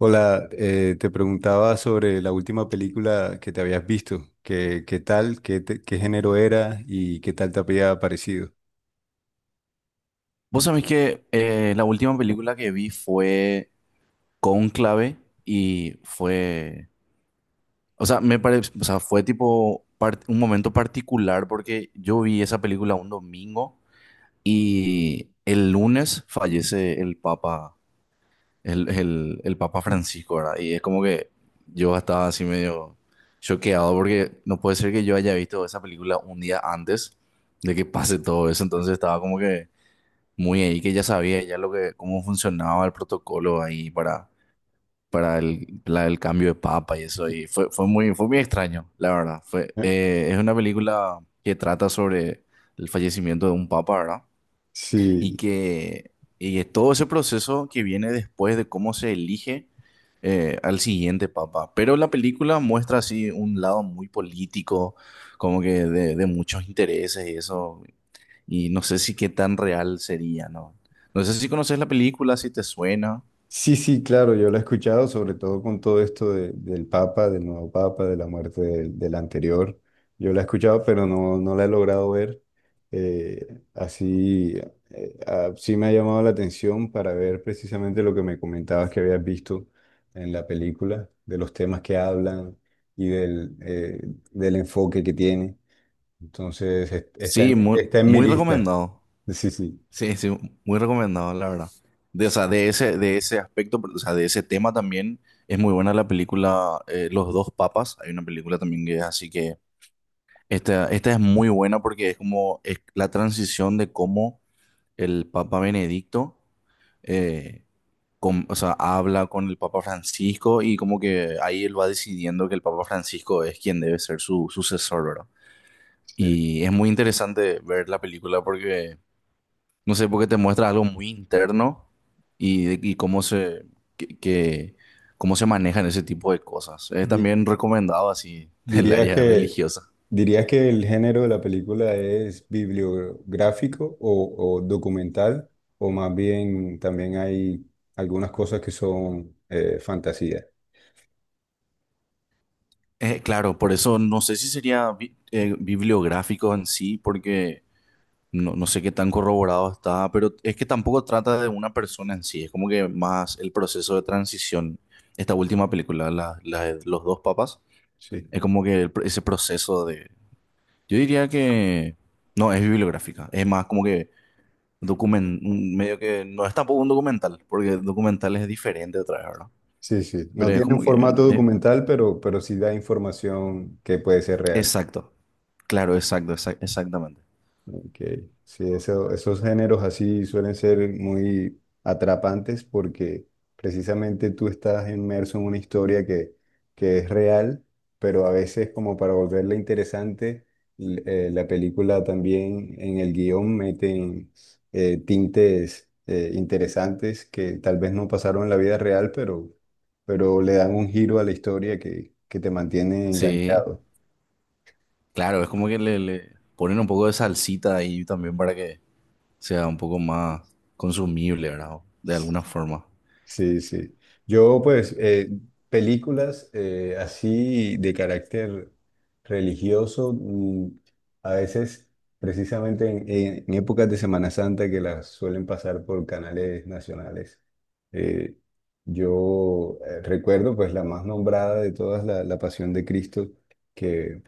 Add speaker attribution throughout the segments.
Speaker 1: Hola, te preguntaba sobre la última película que te habías visto. ¿Qué, qué tal? ¿ Qué género era? ¿Y qué tal te había parecido?
Speaker 2: Vos sabés que la última película que vi fue Cónclave y fue, o sea, me parece, o sea, fue tipo un momento particular porque yo vi esa película un domingo y el lunes fallece el Papa, el Papa Francisco, ¿verdad? Y es como que yo estaba así medio choqueado porque no puede ser que yo haya visto esa película un día antes de que pase todo eso, entonces estaba como que muy ahí que ya sabía ya lo que, cómo funcionaba el protocolo ahí para el cambio de papa y eso. Y fue muy extraño, la verdad. Es una película que trata sobre el fallecimiento de un papa, ¿verdad? Y
Speaker 1: Sí,
Speaker 2: que y es todo ese proceso que viene después de cómo se elige al siguiente papa. Pero la película muestra así un lado muy político, como que de muchos intereses y eso. Y no sé si qué tan real sería, ¿no? No sé si conoces la película, si te suena.
Speaker 1: sí, sí, claro, yo lo he escuchado, sobre todo con todo esto del Papa, del nuevo Papa, de la muerte del, del anterior. Yo lo he escuchado, pero no, no la he logrado ver. Así, sí me ha llamado la atención para ver precisamente lo que me comentabas que habías visto en la película, de los temas que hablan y del enfoque que tiene. Entonces, está en,
Speaker 2: Sí, muy,
Speaker 1: está en mi
Speaker 2: muy
Speaker 1: lista.
Speaker 2: recomendado.
Speaker 1: Sí, sí.
Speaker 2: Sí, sí, muy recomendado, la verdad. De, o sea, de ese aspecto, pero, o sea, de ese tema también es muy buena la película, Los dos papas. Hay una película también que es así que esta es muy buena porque es como es la transición de cómo el Papa Benedicto, eh, o sea, habla con el Papa Francisco, y como que ahí él va decidiendo que el Papa Francisco es quien debe ser su sucesor, ¿verdad?
Speaker 1: Sí.
Speaker 2: Y es muy interesante ver la película porque, no sé, porque te muestra algo muy interno y, y que, que- cómo se manejan ese tipo de cosas. Es
Speaker 1: Di-
Speaker 2: también recomendado así el
Speaker 1: ¿Dirías
Speaker 2: área
Speaker 1: que,
Speaker 2: religiosa.
Speaker 1: ¿dirías que el género de la película es bibliográfico o documental? ¿O más bien también hay algunas cosas que son fantasía?
Speaker 2: Claro, por eso no sé si sería bibliográfico en sí, porque no sé qué tan corroborado está, pero es que tampoco trata de una persona en sí, es como que más el proceso de transición. Esta última película, la de los dos papas,
Speaker 1: Sí.
Speaker 2: es como que ese proceso de. Yo diría que. No, es bibliográfica, es más como que document, medio que. No es tampoco un documental, porque el documental es diferente otra vez, ¿verdad?
Speaker 1: Sí, sí. No
Speaker 2: Pero es
Speaker 1: tiene un
Speaker 2: como que.
Speaker 1: formato
Speaker 2: eh,
Speaker 1: documental, pero sí da información que puede ser real.
Speaker 2: exacto, claro, exacto, exactamente.
Speaker 1: Ok, sí, esos géneros así suelen ser muy atrapantes porque precisamente tú estás inmerso en una historia que es real, pero a veces como para volverla interesante, la película también en el guión meten tintes interesantes que tal vez no pasaron en la vida real, pero le dan un giro a la historia que te mantiene
Speaker 2: Sí,
Speaker 1: enganchado.
Speaker 2: claro, es como que le ponen un poco de salsita ahí también para que sea un poco más consumible, ¿verdad? De alguna forma.
Speaker 1: Sí, sí. Yo, pues, películas así de carácter religioso, mm, a veces, precisamente en, en épocas de Semana Santa que las suelen pasar por canales nacionales. eh, yo recuerdo, pues, la más nombrada de todas, la, la Pasión de Cristo, que,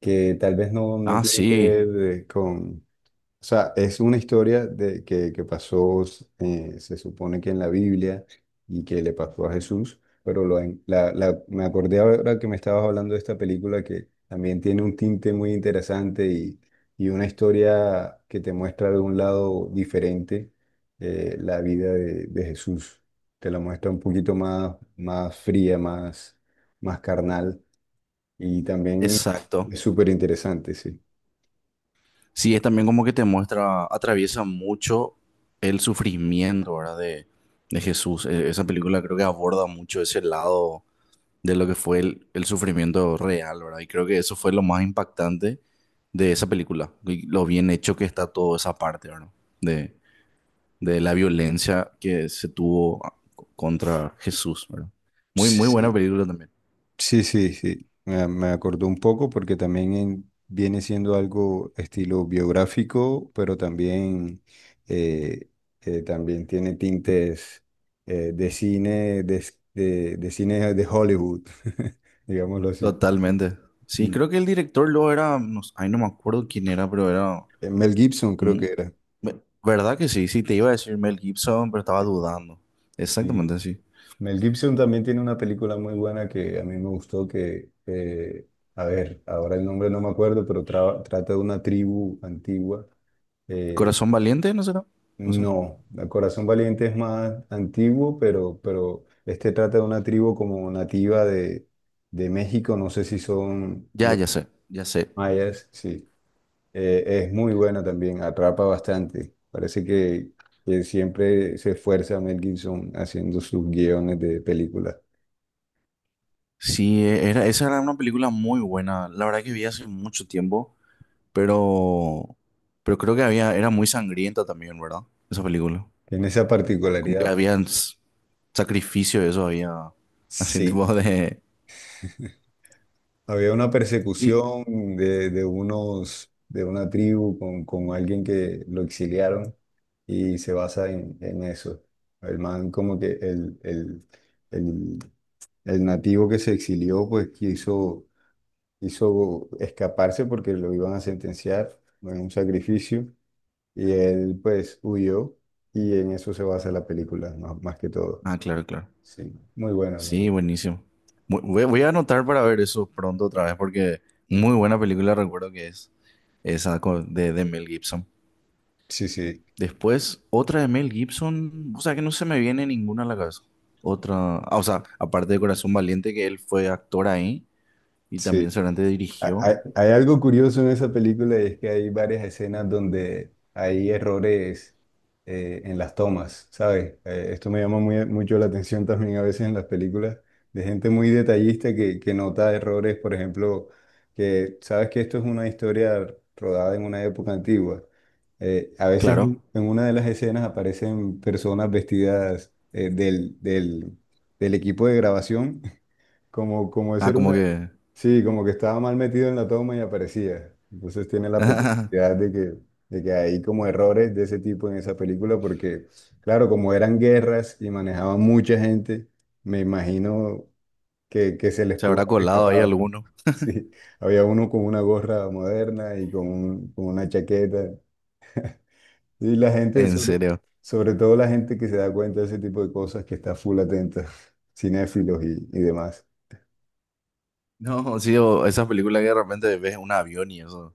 Speaker 1: que tal vez no, no
Speaker 2: Ah,
Speaker 1: tiene que
Speaker 2: sí,
Speaker 1: ver con, o sea, es una historia de, que pasó, se supone que en la Biblia y que le pasó a Jesús, pero la, me acordé ahora que me estabas hablando de esta película que también tiene un tinte muy interesante y una historia que te muestra de un lado diferente la vida de Jesús. Te la muestra un poquito más, más fría, más, más carnal y también
Speaker 2: exacto.
Speaker 1: es súper interesante,
Speaker 2: Sí, es también como que te muestra, atraviesa mucho el sufrimiento, ¿verdad? De Jesús. Esa película creo que aborda mucho ese lado de lo que fue el sufrimiento real, ¿verdad? Y creo que eso fue lo más impactante de esa película, y lo bien hecho que está toda esa parte, ¿verdad? De, de la violencia que se tuvo contra Jesús, ¿verdad? Muy, muy buena
Speaker 1: sí.
Speaker 2: película también.
Speaker 1: Sí, sí, sí. Me acordó un poco porque también viene siendo algo estilo biográfico, pero también, eh, también tiene tintes de cine, de, de cine de Hollywood, digámoslo así.
Speaker 2: Totalmente. Sí,
Speaker 1: Mm.
Speaker 2: creo que el director luego era, no, ay, no me acuerdo quién era, pero era,
Speaker 1: Mel Gibson creo
Speaker 2: mm,
Speaker 1: que era.
Speaker 2: ¿verdad que sí? Sí, te iba a decir Mel Gibson, pero estaba
Speaker 1: Sí,
Speaker 2: dudando.
Speaker 1: sí.
Speaker 2: Exactamente, sí.
Speaker 1: Mel Gibson también tiene una película muy buena que a mí me gustó que, a ver, ahora el nombre no me acuerdo, pero trata de una tribu antigua eh,
Speaker 2: Corazón Valiente, ¿no será? No sé.
Speaker 1: No, el Corazón Valiente es más antiguo, pero este trata de una tribu como nativa de México, no sé si son
Speaker 2: Ya,
Speaker 1: los
Speaker 2: ya sé, ya sé.
Speaker 1: mayas, sí. Es muy buena también, atrapa bastante. Parece que siempre se esfuerza Mel Gibson haciendo sus guiones de películas.
Speaker 2: Sí, esa era una película muy buena. La verdad que vi hace mucho tiempo, pero, pero, creo que había, era muy sangrienta también, ¿verdad? Esa película.
Speaker 1: Tiene esa
Speaker 2: Como que
Speaker 1: particularidad.
Speaker 2: había sacrificio, eso había, así tipo
Speaker 1: Sí.
Speaker 2: de.
Speaker 1: Había una
Speaker 2: Sí.
Speaker 1: persecución de unos, de una tribu con alguien que lo exiliaron y se basa en eso. El man como que el, el nativo que se exilió pues quiso, quiso escaparse porque lo iban a sentenciar en un sacrificio y él pues huyó y en eso se basa la película más, más que todo.
Speaker 2: Ah, claro, claro.
Speaker 1: Sí, muy buena.
Speaker 2: Sí, buenísimo. Voy a anotar para ver eso pronto otra vez porque muy buena película recuerdo que es esa de Mel Gibson.
Speaker 1: Sí, sí,
Speaker 2: Después, otra de Mel Gibson, o sea que no se me viene ninguna a la cabeza. Otra, ah, o sea, aparte de Corazón Valiente, que él fue actor ahí y también
Speaker 1: sí.
Speaker 2: seguramente
Speaker 1: Hay,
Speaker 2: dirigió.
Speaker 1: hay algo curioso en esa película y es que hay varias escenas donde hay errores en las tomas, ¿sabes? Esto me llama mucho la atención también a veces en las películas de gente muy detallista que nota errores, por ejemplo, que sabes que esto es una historia rodada en una época antigua. A veces
Speaker 2: Claro.
Speaker 1: en una de las escenas aparecen personas vestidas del, del del equipo de grabación como, como de
Speaker 2: Ah,
Speaker 1: ser
Speaker 2: como
Speaker 1: una...
Speaker 2: que
Speaker 1: Sí, como que estaba mal metido en la toma y aparecía. Entonces tiene la peculiaridad de que hay como errores de ese tipo en esa película porque, claro, como eran guerras y manejaban mucha gente, me imagino que se les
Speaker 2: se
Speaker 1: pudo
Speaker 2: habrá
Speaker 1: haber
Speaker 2: colado ahí
Speaker 1: escapado.
Speaker 2: alguno.
Speaker 1: Sí, había uno con una gorra moderna y con, con una chaqueta. Y la gente,
Speaker 2: En
Speaker 1: sobre,
Speaker 2: serio.
Speaker 1: sobre todo la gente que se da cuenta de ese tipo de cosas, que está full atenta, cinéfilos y demás.
Speaker 2: No, sí, o esas películas que de repente ves un avión y eso.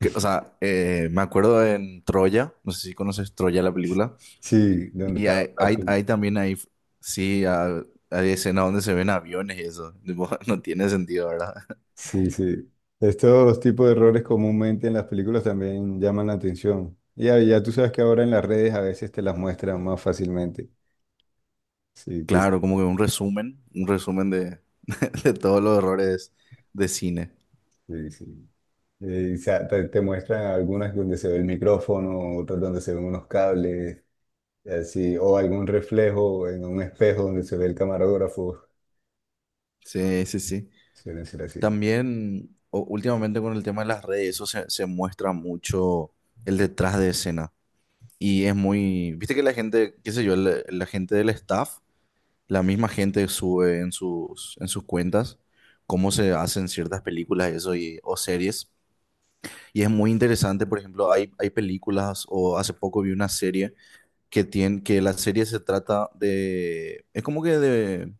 Speaker 2: O sea, me acuerdo en Troya, no sé si conoces Troya la película,
Speaker 1: Sí, donde
Speaker 2: y
Speaker 1: estaba
Speaker 2: hay,
Speaker 1: Brad
Speaker 2: hay,
Speaker 1: Pitt.
Speaker 2: hay también ahí, sí, ah, hay escenas donde se ven aviones y eso, tipo, no tiene sentido, ¿verdad?
Speaker 1: Sí, sí. Estos tipos de errores comúnmente en las películas también llaman la atención. Y ya, ya tú sabes que ahora en las redes a veces te las muestran más fácilmente. Sí, que sí,
Speaker 2: Claro, como que un resumen de, de todos los errores de cine.
Speaker 1: sí, sí. O sea, te muestran algunas donde se ve el micrófono, otras donde se ven unos cables, y así, o algún reflejo en un espejo donde se ve el camarógrafo.
Speaker 2: Sí, sí, sí.
Speaker 1: Suelen ser así.
Speaker 2: También, últimamente con el tema de las redes, eso se muestra mucho el detrás de escena. Y es muy, viste que la gente, qué sé yo, la gente del staff, la misma gente sube en sus, cuentas cómo se hacen ciertas películas y eso y, o series. Y es muy interesante, por ejemplo, hay películas o hace poco vi una serie que tiene, que la serie se trata de, es como que de,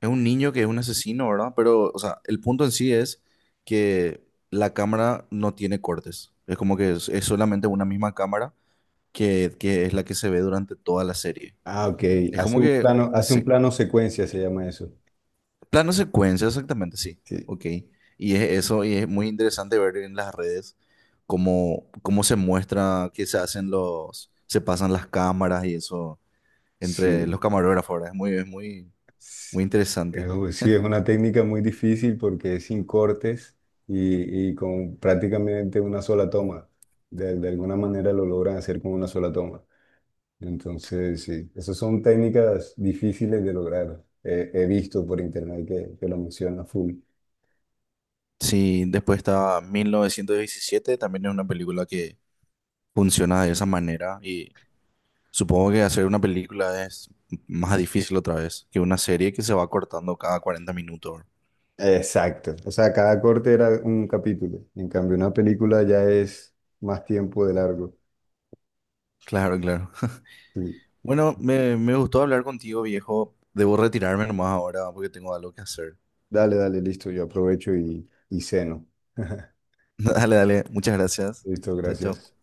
Speaker 2: es un niño que es un asesino, ¿verdad? Pero, o sea, el punto en sí es que la cámara no tiene cortes. Es como que es solamente una misma cámara que es la que se ve durante toda la serie.
Speaker 1: Ah, ok.
Speaker 2: Es como que
Speaker 1: Hace un
Speaker 2: sí.
Speaker 1: plano secuencia, se llama eso.
Speaker 2: Plano secuencia, exactamente, sí.
Speaker 1: Sí,
Speaker 2: Ok. Y es eso, y es muy interesante ver en las redes cómo se muestra que se hacen los, se pasan las cámaras y eso entre los
Speaker 1: sí.
Speaker 2: camarógrafos, ¿verdad? Es, muy, interesante.
Speaker 1: Sí, es una técnica muy difícil porque es sin cortes y con prácticamente una sola toma. De alguna manera lo logran hacer con una sola toma. Entonces, sí, esas son técnicas difíciles de lograr. He visto por internet que lo menciona full.
Speaker 2: Sí, después está 1917, también es una película que funciona de esa manera, y supongo que hacer una película es más difícil otra vez que una serie que se va cortando cada 40 minutos.
Speaker 1: Exacto. O sea, cada corte era un capítulo. En cambio, una película ya es más tiempo de largo.
Speaker 2: Claro, claro.
Speaker 1: Sí.
Speaker 2: Bueno, me gustó hablar contigo, viejo. Debo retirarme nomás ahora porque tengo algo que hacer.
Speaker 1: Dale, dale, listo. Yo aprovecho y ceno.
Speaker 2: Dale, dale. Muchas gracias.
Speaker 1: Listo,
Speaker 2: Chao,
Speaker 1: gracias.
Speaker 2: chao.